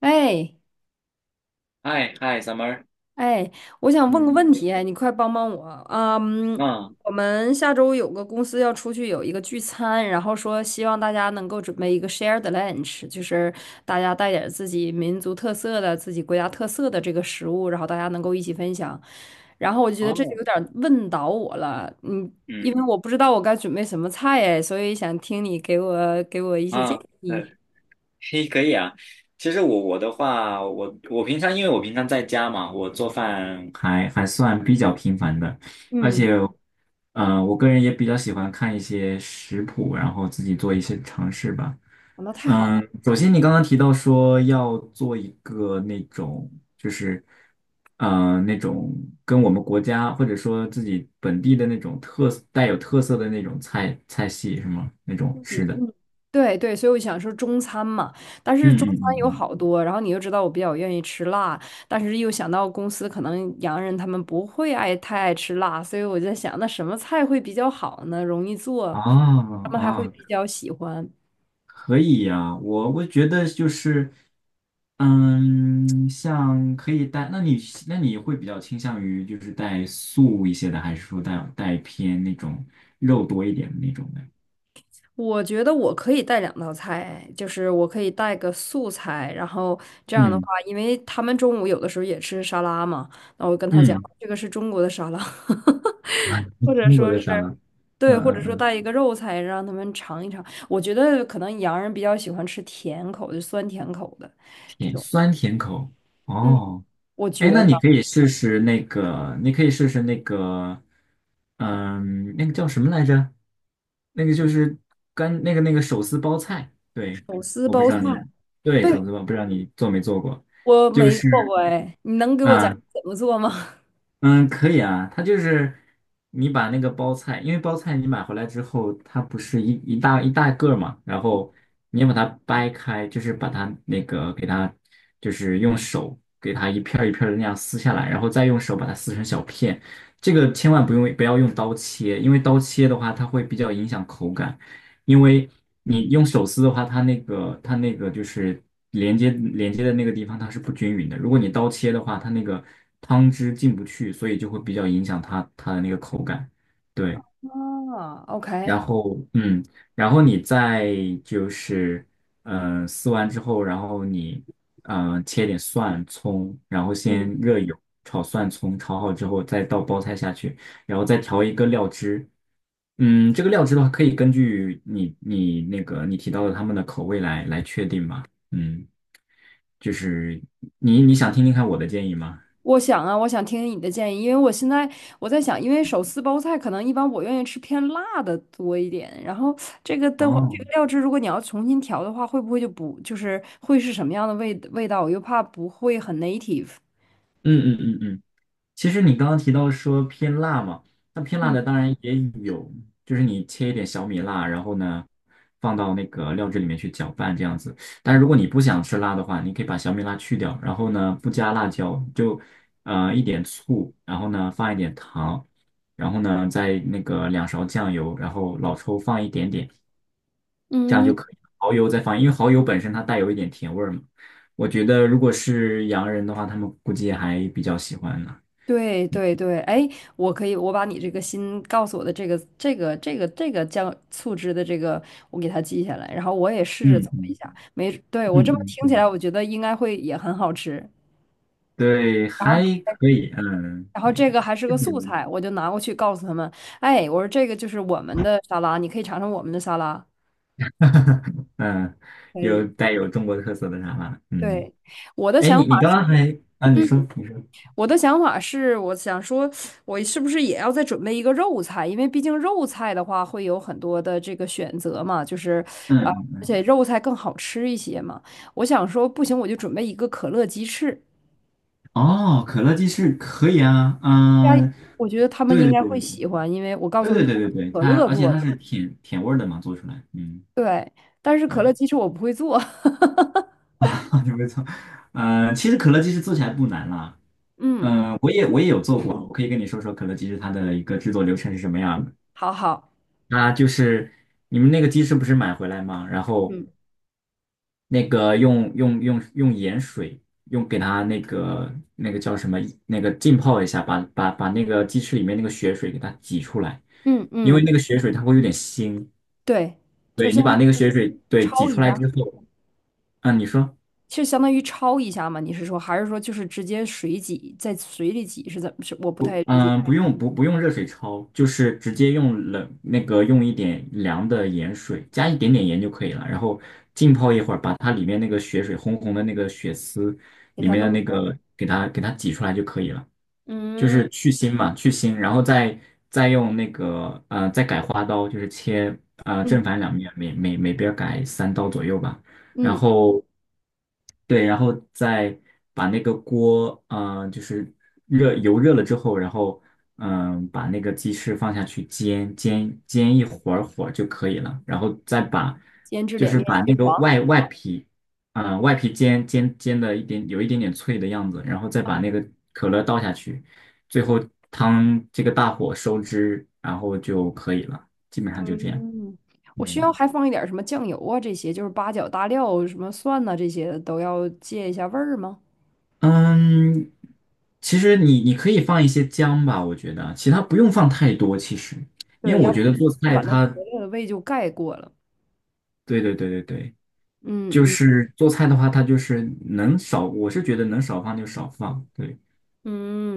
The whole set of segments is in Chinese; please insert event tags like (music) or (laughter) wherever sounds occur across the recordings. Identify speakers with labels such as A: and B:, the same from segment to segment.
A: 哎
B: 嗨嗨，summer，
A: 哎，我想问个
B: 嗯，
A: 问题，哎你快帮帮我啊！嗯，
B: 啊，
A: 我们下周有个公司要出去有一个聚餐，然后说希望大家能够准备一个 shared lunch，就是大家带点儿自己民族特色的、自己国家特色的这个食物，然后大家能够一起分享。然后我就觉得这就
B: 哦，
A: 有点儿问倒我了，因为
B: 嗯
A: 我不知道我该准备什么菜，哎，所以想听你给我一些
B: 啊，
A: 建
B: 对。
A: 议。
B: 嘿，可以啊。其实我的话，我平常因为我平常在家嘛，我做饭还算比较频繁的，而
A: 嗯，
B: 且，我个人也比较喜欢看一些食谱，然后自己做一些尝试吧。
A: 那太好了。
B: 嗯，首先你刚刚提到说要做一个那种，就是，那种跟我们国家或者说自己本地的那种带有特色的那种菜系是吗？那种吃的。
A: 对对，所以我想说中餐嘛，但是中
B: 嗯嗯
A: 餐有
B: 嗯，
A: 好多，然后你又知道我比较愿意吃辣，但是又想到公司可能洋人他们不会爱太爱吃辣，所以我在想，那什么菜会比较好呢？容易做，
B: 啊
A: 他们还
B: 啊。
A: 会比
B: 哦，
A: 较喜欢。
B: 可以呀，我觉得就是，像可以带，那你会比较倾向于就是带素一些的，还是说带偏那种肉多一点的那种的？
A: 我觉得我可以带两道菜，就是我可以带个素菜，然后这样的话，
B: 嗯
A: 因为他们中午有的时候也吃沙拉嘛，那我跟他讲，
B: 嗯，
A: 这个是中国的沙拉。(laughs) 或
B: (laughs)
A: 者
B: 中国
A: 说是，
B: 的啥呢？嗯
A: 对，或者
B: 嗯
A: 说
B: 嗯，
A: 带一个肉菜让他们尝一尝。我觉得可能洋人比较喜欢吃甜口的，酸甜口的。
B: 甜，酸甜口。
A: 嗯，
B: 哦。
A: 我
B: 哎，
A: 觉
B: 那你
A: 得
B: 可以试试那个，你可以试试那个，那个叫什么来着？那个就是干那个那个手撕包菜，对，
A: 手撕
B: 我不知
A: 包菜，
B: 道你，对，
A: 对，
B: 手撕包，不知道你做没做过，
A: 我
B: 就
A: 没
B: 是
A: 做过哎，你能给我讲
B: 啊，
A: 怎么做吗？
B: 嗯，可以啊，它就是你把那个包菜，因为包菜你买回来之后，它不是一大一大个儿嘛，然后你要把它掰开，就是把它那个给它，就是用手给它一片儿一片儿的那样撕下来，然后再用手把它撕成小片。这个千万不要用刀切，因为刀切的话，它会比较影响口感。因为你用手撕的话，它那个就是连接的那个地方它是不均匀的。如果你刀切的话，它那个汤汁进不去，所以就会比较影响它的那个口感。对，
A: 啊，OK，
B: 然后嗯，然后你再就是撕完之后，然后你切点蒜葱，然后先
A: 嗯。
B: 热油炒蒜葱，炒好之后再倒包菜下去，然后再调一个料汁，这个料汁的话，可以根据你你那个你提到的他们的口味来确定嘛。嗯，就是你想听听看我的建议吗？
A: 我想啊，我想听听你的建议，因为我现在在想，因为手撕包菜可能一般我愿意吃偏辣的多一点，然后这个的话，这个
B: 哦，
A: 料汁如果你要重新调的话，会不会就不就是会是什么样的味道？我又怕不会很 native。
B: 嗯嗯嗯嗯。其实你刚刚提到说偏辣嘛，那偏辣
A: 嗯
B: 的当然也有，就是你切一点小米辣，然后呢放到那个料汁里面去搅拌这样子。但是如果你不想吃辣的话，你可以把小米辣去掉，然后呢不加辣椒，就一点醋，然后呢放一点糖，然后呢再那个2勺酱油，然后老抽放一点点，这样
A: 嗯，
B: 就可以。蚝油再放，因为蚝油本身它带有一点甜味儿嘛。我觉得如果是洋人的话，他们估计还比较喜欢呢。
A: 对对对，哎，我可以，我把你这个新告诉我的这个酱醋汁的这个，我给它记下来，然后我也试着
B: 嗯
A: 做一
B: 嗯。
A: 下，没，对，我
B: 嗯
A: 这么
B: 嗯
A: 听起
B: 嗯，
A: 来，我觉得应该会也很好吃。
B: 对，
A: 然后。
B: 还可以，嗯，
A: 然后
B: 对，
A: 这个还是个素
B: 嗯，
A: 菜，我就拿过去告诉他们，哎，我说这个就是我们的沙拉，你可以尝尝我们的沙拉。
B: (laughs) 嗯，
A: 可以，
B: 带有中国特色的茶吧，嗯，
A: 对，我的
B: 哎，
A: 想
B: 你
A: 法
B: 你刚
A: 是，
B: 刚还啊，你
A: 嗯
B: 说你说，
A: 我想说，我是不是也要再准备一个肉菜？因为毕竟肉菜的话会有很多的这个选择嘛，就是啊，
B: 嗯，
A: 而
B: 嗯
A: 且肉菜更好吃一些嘛。我想说，不行，我就准备一个可乐鸡翅，
B: 哦，可乐鸡翅可以啊，
A: 大家，
B: 嗯，
A: 我觉得他们应
B: 对
A: 该
B: 对
A: 会
B: 对对
A: 喜欢，因为我告诉
B: 对
A: 他们
B: 对对对对对，
A: 可
B: 它
A: 乐
B: 而且
A: 做
B: 它
A: 的，
B: 是甜甜味儿的嘛，做出来，嗯，
A: 对，但是可乐
B: 对，
A: 鸡翅我不会做。(laughs)
B: (laughs) 啊，没错，嗯，其实可乐鸡翅做起来不难啦，
A: 嗯，
B: 嗯，我也有做过，我可以跟你说说可乐鸡翅它的一个制作流程是什么样的。
A: 好好，
B: 啊，就是你们那个鸡翅不是买回来吗？然后
A: 嗯，
B: 那个用盐水，用给它那个叫什么，那个浸泡一下，把那个鸡翅里面那个血水给它挤出来，
A: 嗯
B: 因为
A: 嗯，
B: 那个血水它会有点腥。
A: 对，就
B: 对，你
A: 相当
B: 把那
A: 于
B: 个血水挤
A: 焯
B: 出
A: 一
B: 来
A: 下，
B: 之后，啊，你说。
A: 就相当于焯一下嘛。你是说，还是说就是直接水挤，在水里挤是怎么？是我不太
B: 不，
A: 理解，
B: 嗯，不用热水焯，就是直接用冷那个用一点凉的盐水，加一点点盐就可以了，然后浸泡一会儿，把它里面那个血水红红的那个血丝
A: 给
B: 里
A: 它
B: 面的
A: 弄
B: 那
A: 出来。
B: 个给它挤出来就可以了，就
A: 嗯
B: 是去腥嘛，去腥，然后再用那个再改花刀，就是切
A: 嗯
B: 正反两面，每边儿改3刀左右吧。然
A: 嗯，
B: 后对，然后再把那个锅，就是热油热了之后，然后把那个鸡翅放下去煎，煎煎一会儿就可以了，然后
A: 煎至
B: 就
A: 两
B: 是
A: 面
B: 把
A: 金
B: 那个
A: 黄。
B: 外皮，外皮煎煎的有一点点脆的样子，然后再把那个可乐倒下去，最后汤这个大火收汁，然后就可以了，基本上就这样。
A: 嗯，我需要
B: 嗯。
A: 还放一点儿什么酱油啊，这些就是八角、大料、什么蒜呐、这些都要借一下味儿吗？
B: 嗯，其实你可以放一些姜吧，我觉得其他不用放太多。其实，因
A: 对，
B: 为我
A: 要
B: 觉
A: 不
B: 得
A: 然
B: 做
A: 就
B: 菜
A: 把那
B: 它，
A: 可乐的味就盖过了。
B: 对对对对对，
A: 嗯
B: 就
A: 嗯
B: 是做菜的话，它就是能少，我是觉得能少放就少放，对，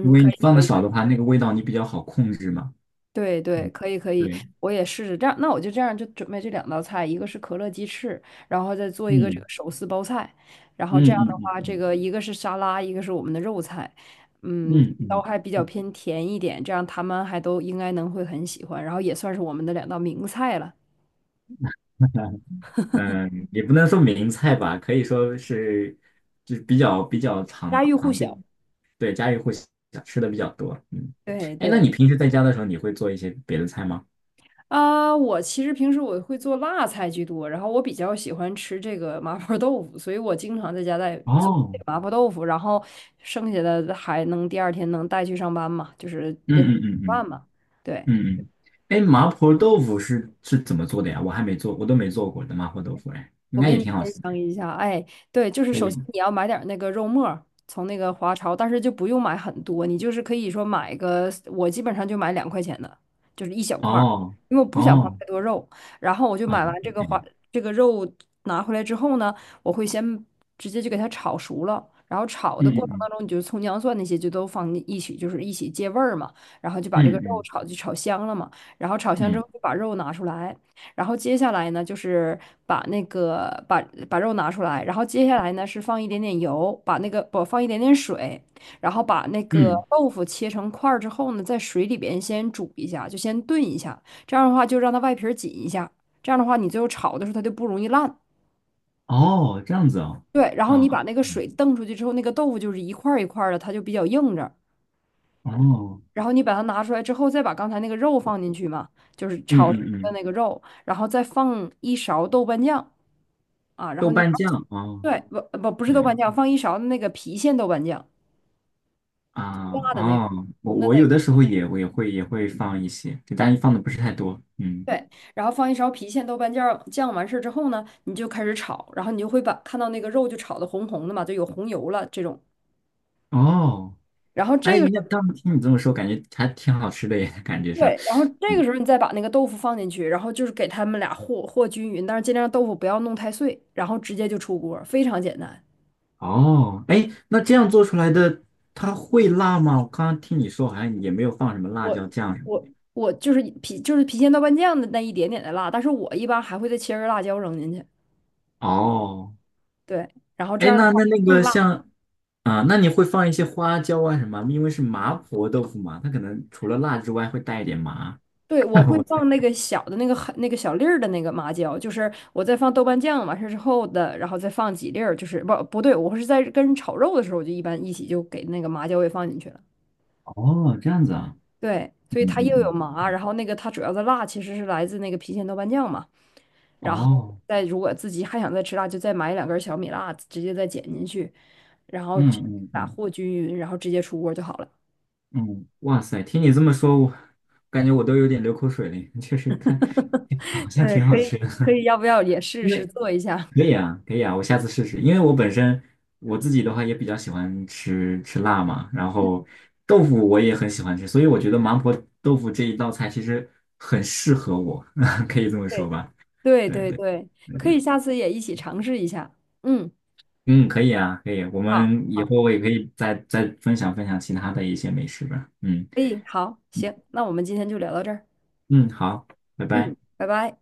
B: 因为
A: 可
B: 你
A: 以
B: 放
A: 可
B: 的
A: 以。
B: 少的话，那个味道你比较好控制嘛。
A: 对对，
B: 嗯，
A: 可以可以，
B: 对，
A: 我也试试这样。那我就这样就准备这两道菜，一个是可乐鸡翅，然后再做一个这
B: 嗯
A: 个手撕包菜。然后这样
B: 嗯
A: 的
B: 嗯
A: 话，
B: 嗯
A: 这个一个是沙拉，一个是我们的肉菜，嗯，
B: 嗯嗯。
A: 都
B: 嗯
A: 还比较偏甜一点，这样他们还都应该能会很喜欢。然后也算是我们的两道名菜了，
B: 嗯，也不能说名菜吧，可以说是就比较常
A: 家喻户
B: 常见，
A: 晓。
B: 对，家喻户晓，吃的比较多。嗯，
A: 对
B: 哎，那你
A: 对。
B: 平时在家的时候，你会做一些别的菜吗？
A: 啊，我其实平时我会做辣菜居多，然后我比较喜欢吃这个麻婆豆腐，所以我经常在家在做这
B: 哦，
A: 个麻婆豆腐，然后剩下的还能第二天能带去上班嘛，就是
B: 嗯
A: 变成
B: 嗯嗯嗯
A: 饭嘛。对，
B: 嗯嗯，哎，麻婆豆腐是怎么做的呀？我还没做，我都没做过的麻婆豆腐，哎，应
A: 我
B: 该也
A: 跟你
B: 挺好
A: 分
B: 吃的，
A: 享一下，哎，对，就是
B: 可以
A: 首先
B: 吗？
A: 你要买点儿那个肉末儿，从那个华超，但是就不用买很多，你就是可以说买个，我基本上就买两块钱的，就是一小块儿，
B: 哦
A: 因为我不想放
B: 哦，
A: 太多肉。然后我就
B: 嗯
A: 买完这个华
B: ，OK，
A: 这个肉拿回来之后呢，我会先直接就给它炒熟了，然后炒
B: 嗯
A: 的过程当
B: 嗯
A: 中，你就葱姜蒜那些就都放一起，就是一起借味儿嘛，然后就把这个
B: 嗯
A: 肉
B: 嗯
A: 炒就炒香了嘛，然后炒香之
B: 嗯
A: 后就把肉拿出来。然后接下来呢，就是把那个把把肉拿出来，然后接下来呢是放一点点油，把那个不放一点点水，然后把那个
B: 嗯嗯，
A: 豆腐切成块儿之后呢，在水里边先煮一下，就先炖一下，这样的话就让它外皮儿紧一下，这样的话你最后炒的时候它就不容易烂。
B: 哦，这样子哦，
A: 对，然后你
B: 啊，
A: 把那个
B: 嗯
A: 水瞪出去之后，那个豆腐就是一块儿一块儿的，它就比较硬着。
B: 哦，
A: 然后你把它拿出来之后，再把刚才那个肉放进去嘛，就是
B: 嗯
A: 炒成
B: 嗯
A: 的
B: 嗯。
A: 那个肉，然后再放一勺豆瓣酱。啊，然
B: 豆
A: 后你要
B: 瓣酱哦，
A: 对不不不是豆
B: 对
A: 瓣酱，放一勺的那个郫县豆瓣酱，
B: 啊，
A: 辣的那个
B: 哦，我
A: 红的
B: 我
A: 那
B: 有
A: 个，
B: 的时候我也会放一些，对，但是放的不是太多，嗯，
A: 对，然后放一勺郫县豆瓣酱，完事儿之后呢，你就开始炒，然后你就会把看到那个肉就炒的红红的嘛，就有红油了这种。
B: 哦，
A: 然后这
B: 哎，
A: 个时
B: 那
A: 候，
B: 刚听你这么说，感觉还挺好吃的耶，感觉上，
A: 对，然后这个
B: 嗯，
A: 时候你再把那个豆腐放进去，然后就是给他们俩和均匀，但是尽量豆腐不要弄太碎，然后直接就出锅，非常简单。
B: 哦，哎，那这样做出来的它会辣吗？我刚刚听你说好像也没有放什么辣椒
A: 我
B: 酱什么，
A: 我我就是郫县豆瓣酱的那一点点的辣，但是我一般还会再切根辣椒扔进去。
B: 哦，
A: 对，然后这
B: 哎，
A: 样的
B: 那
A: 话
B: 那那
A: 更
B: 个
A: 辣。
B: 像。啊，那你会放一些花椒啊什么？因为是麻婆豆腐嘛，它可能除了辣之外会带一点麻。
A: 对，我
B: (laughs)
A: 会
B: 我
A: 放
B: 猜
A: 那个小的那个很那个小粒儿的那个麻椒，就是我再放豆瓣酱完事儿之后的，然后再放几粒儿，就是不不对，我是在跟炒肉的时候，我就一般一起就给那个麻椒也放进去了。
B: 哦，这样子啊。
A: 对，所以
B: 嗯
A: 它又有
B: 嗯
A: 麻，然后那个它主要的辣其实是来自那个郫县豆瓣酱嘛，
B: 嗯，
A: 然后
B: 哦，
A: 再如果自己还想再吃辣，就再买两根小米辣，直接再剪进去，然后
B: 嗯
A: 直
B: 嗯
A: 打
B: 嗯
A: 和均匀，然后直接出锅就好了。
B: 嗯，哇塞，听你这么说，我感觉我都有点流口水了。确实看，好
A: (laughs)
B: 像
A: 对，
B: 挺好
A: 可以
B: 吃的，
A: 可以，要不要也
B: (laughs)
A: 试
B: 因为
A: 试做一下？
B: 可以啊，可以啊，我下次试试。因为我本身我自己的话也比较喜欢吃辣嘛，然后豆腐我也很喜欢吃，所以我觉得麻婆豆腐这一道菜其实很适合我，(laughs) 可以这么
A: (laughs)
B: 说
A: 对。
B: 吧？
A: 对
B: 对
A: 对
B: 对
A: 对，
B: 对
A: 可
B: 对，
A: 以下次也一起尝试一下。嗯，
B: 嗯，可以啊，可以，我
A: 好，
B: 们以
A: 好，
B: 后我也可以再分享分享其他的一些美食吧，嗯。
A: 可以，好，行，那我们今天就聊到这儿。
B: 嗯，好，拜
A: 嗯，
B: 拜。
A: 拜拜。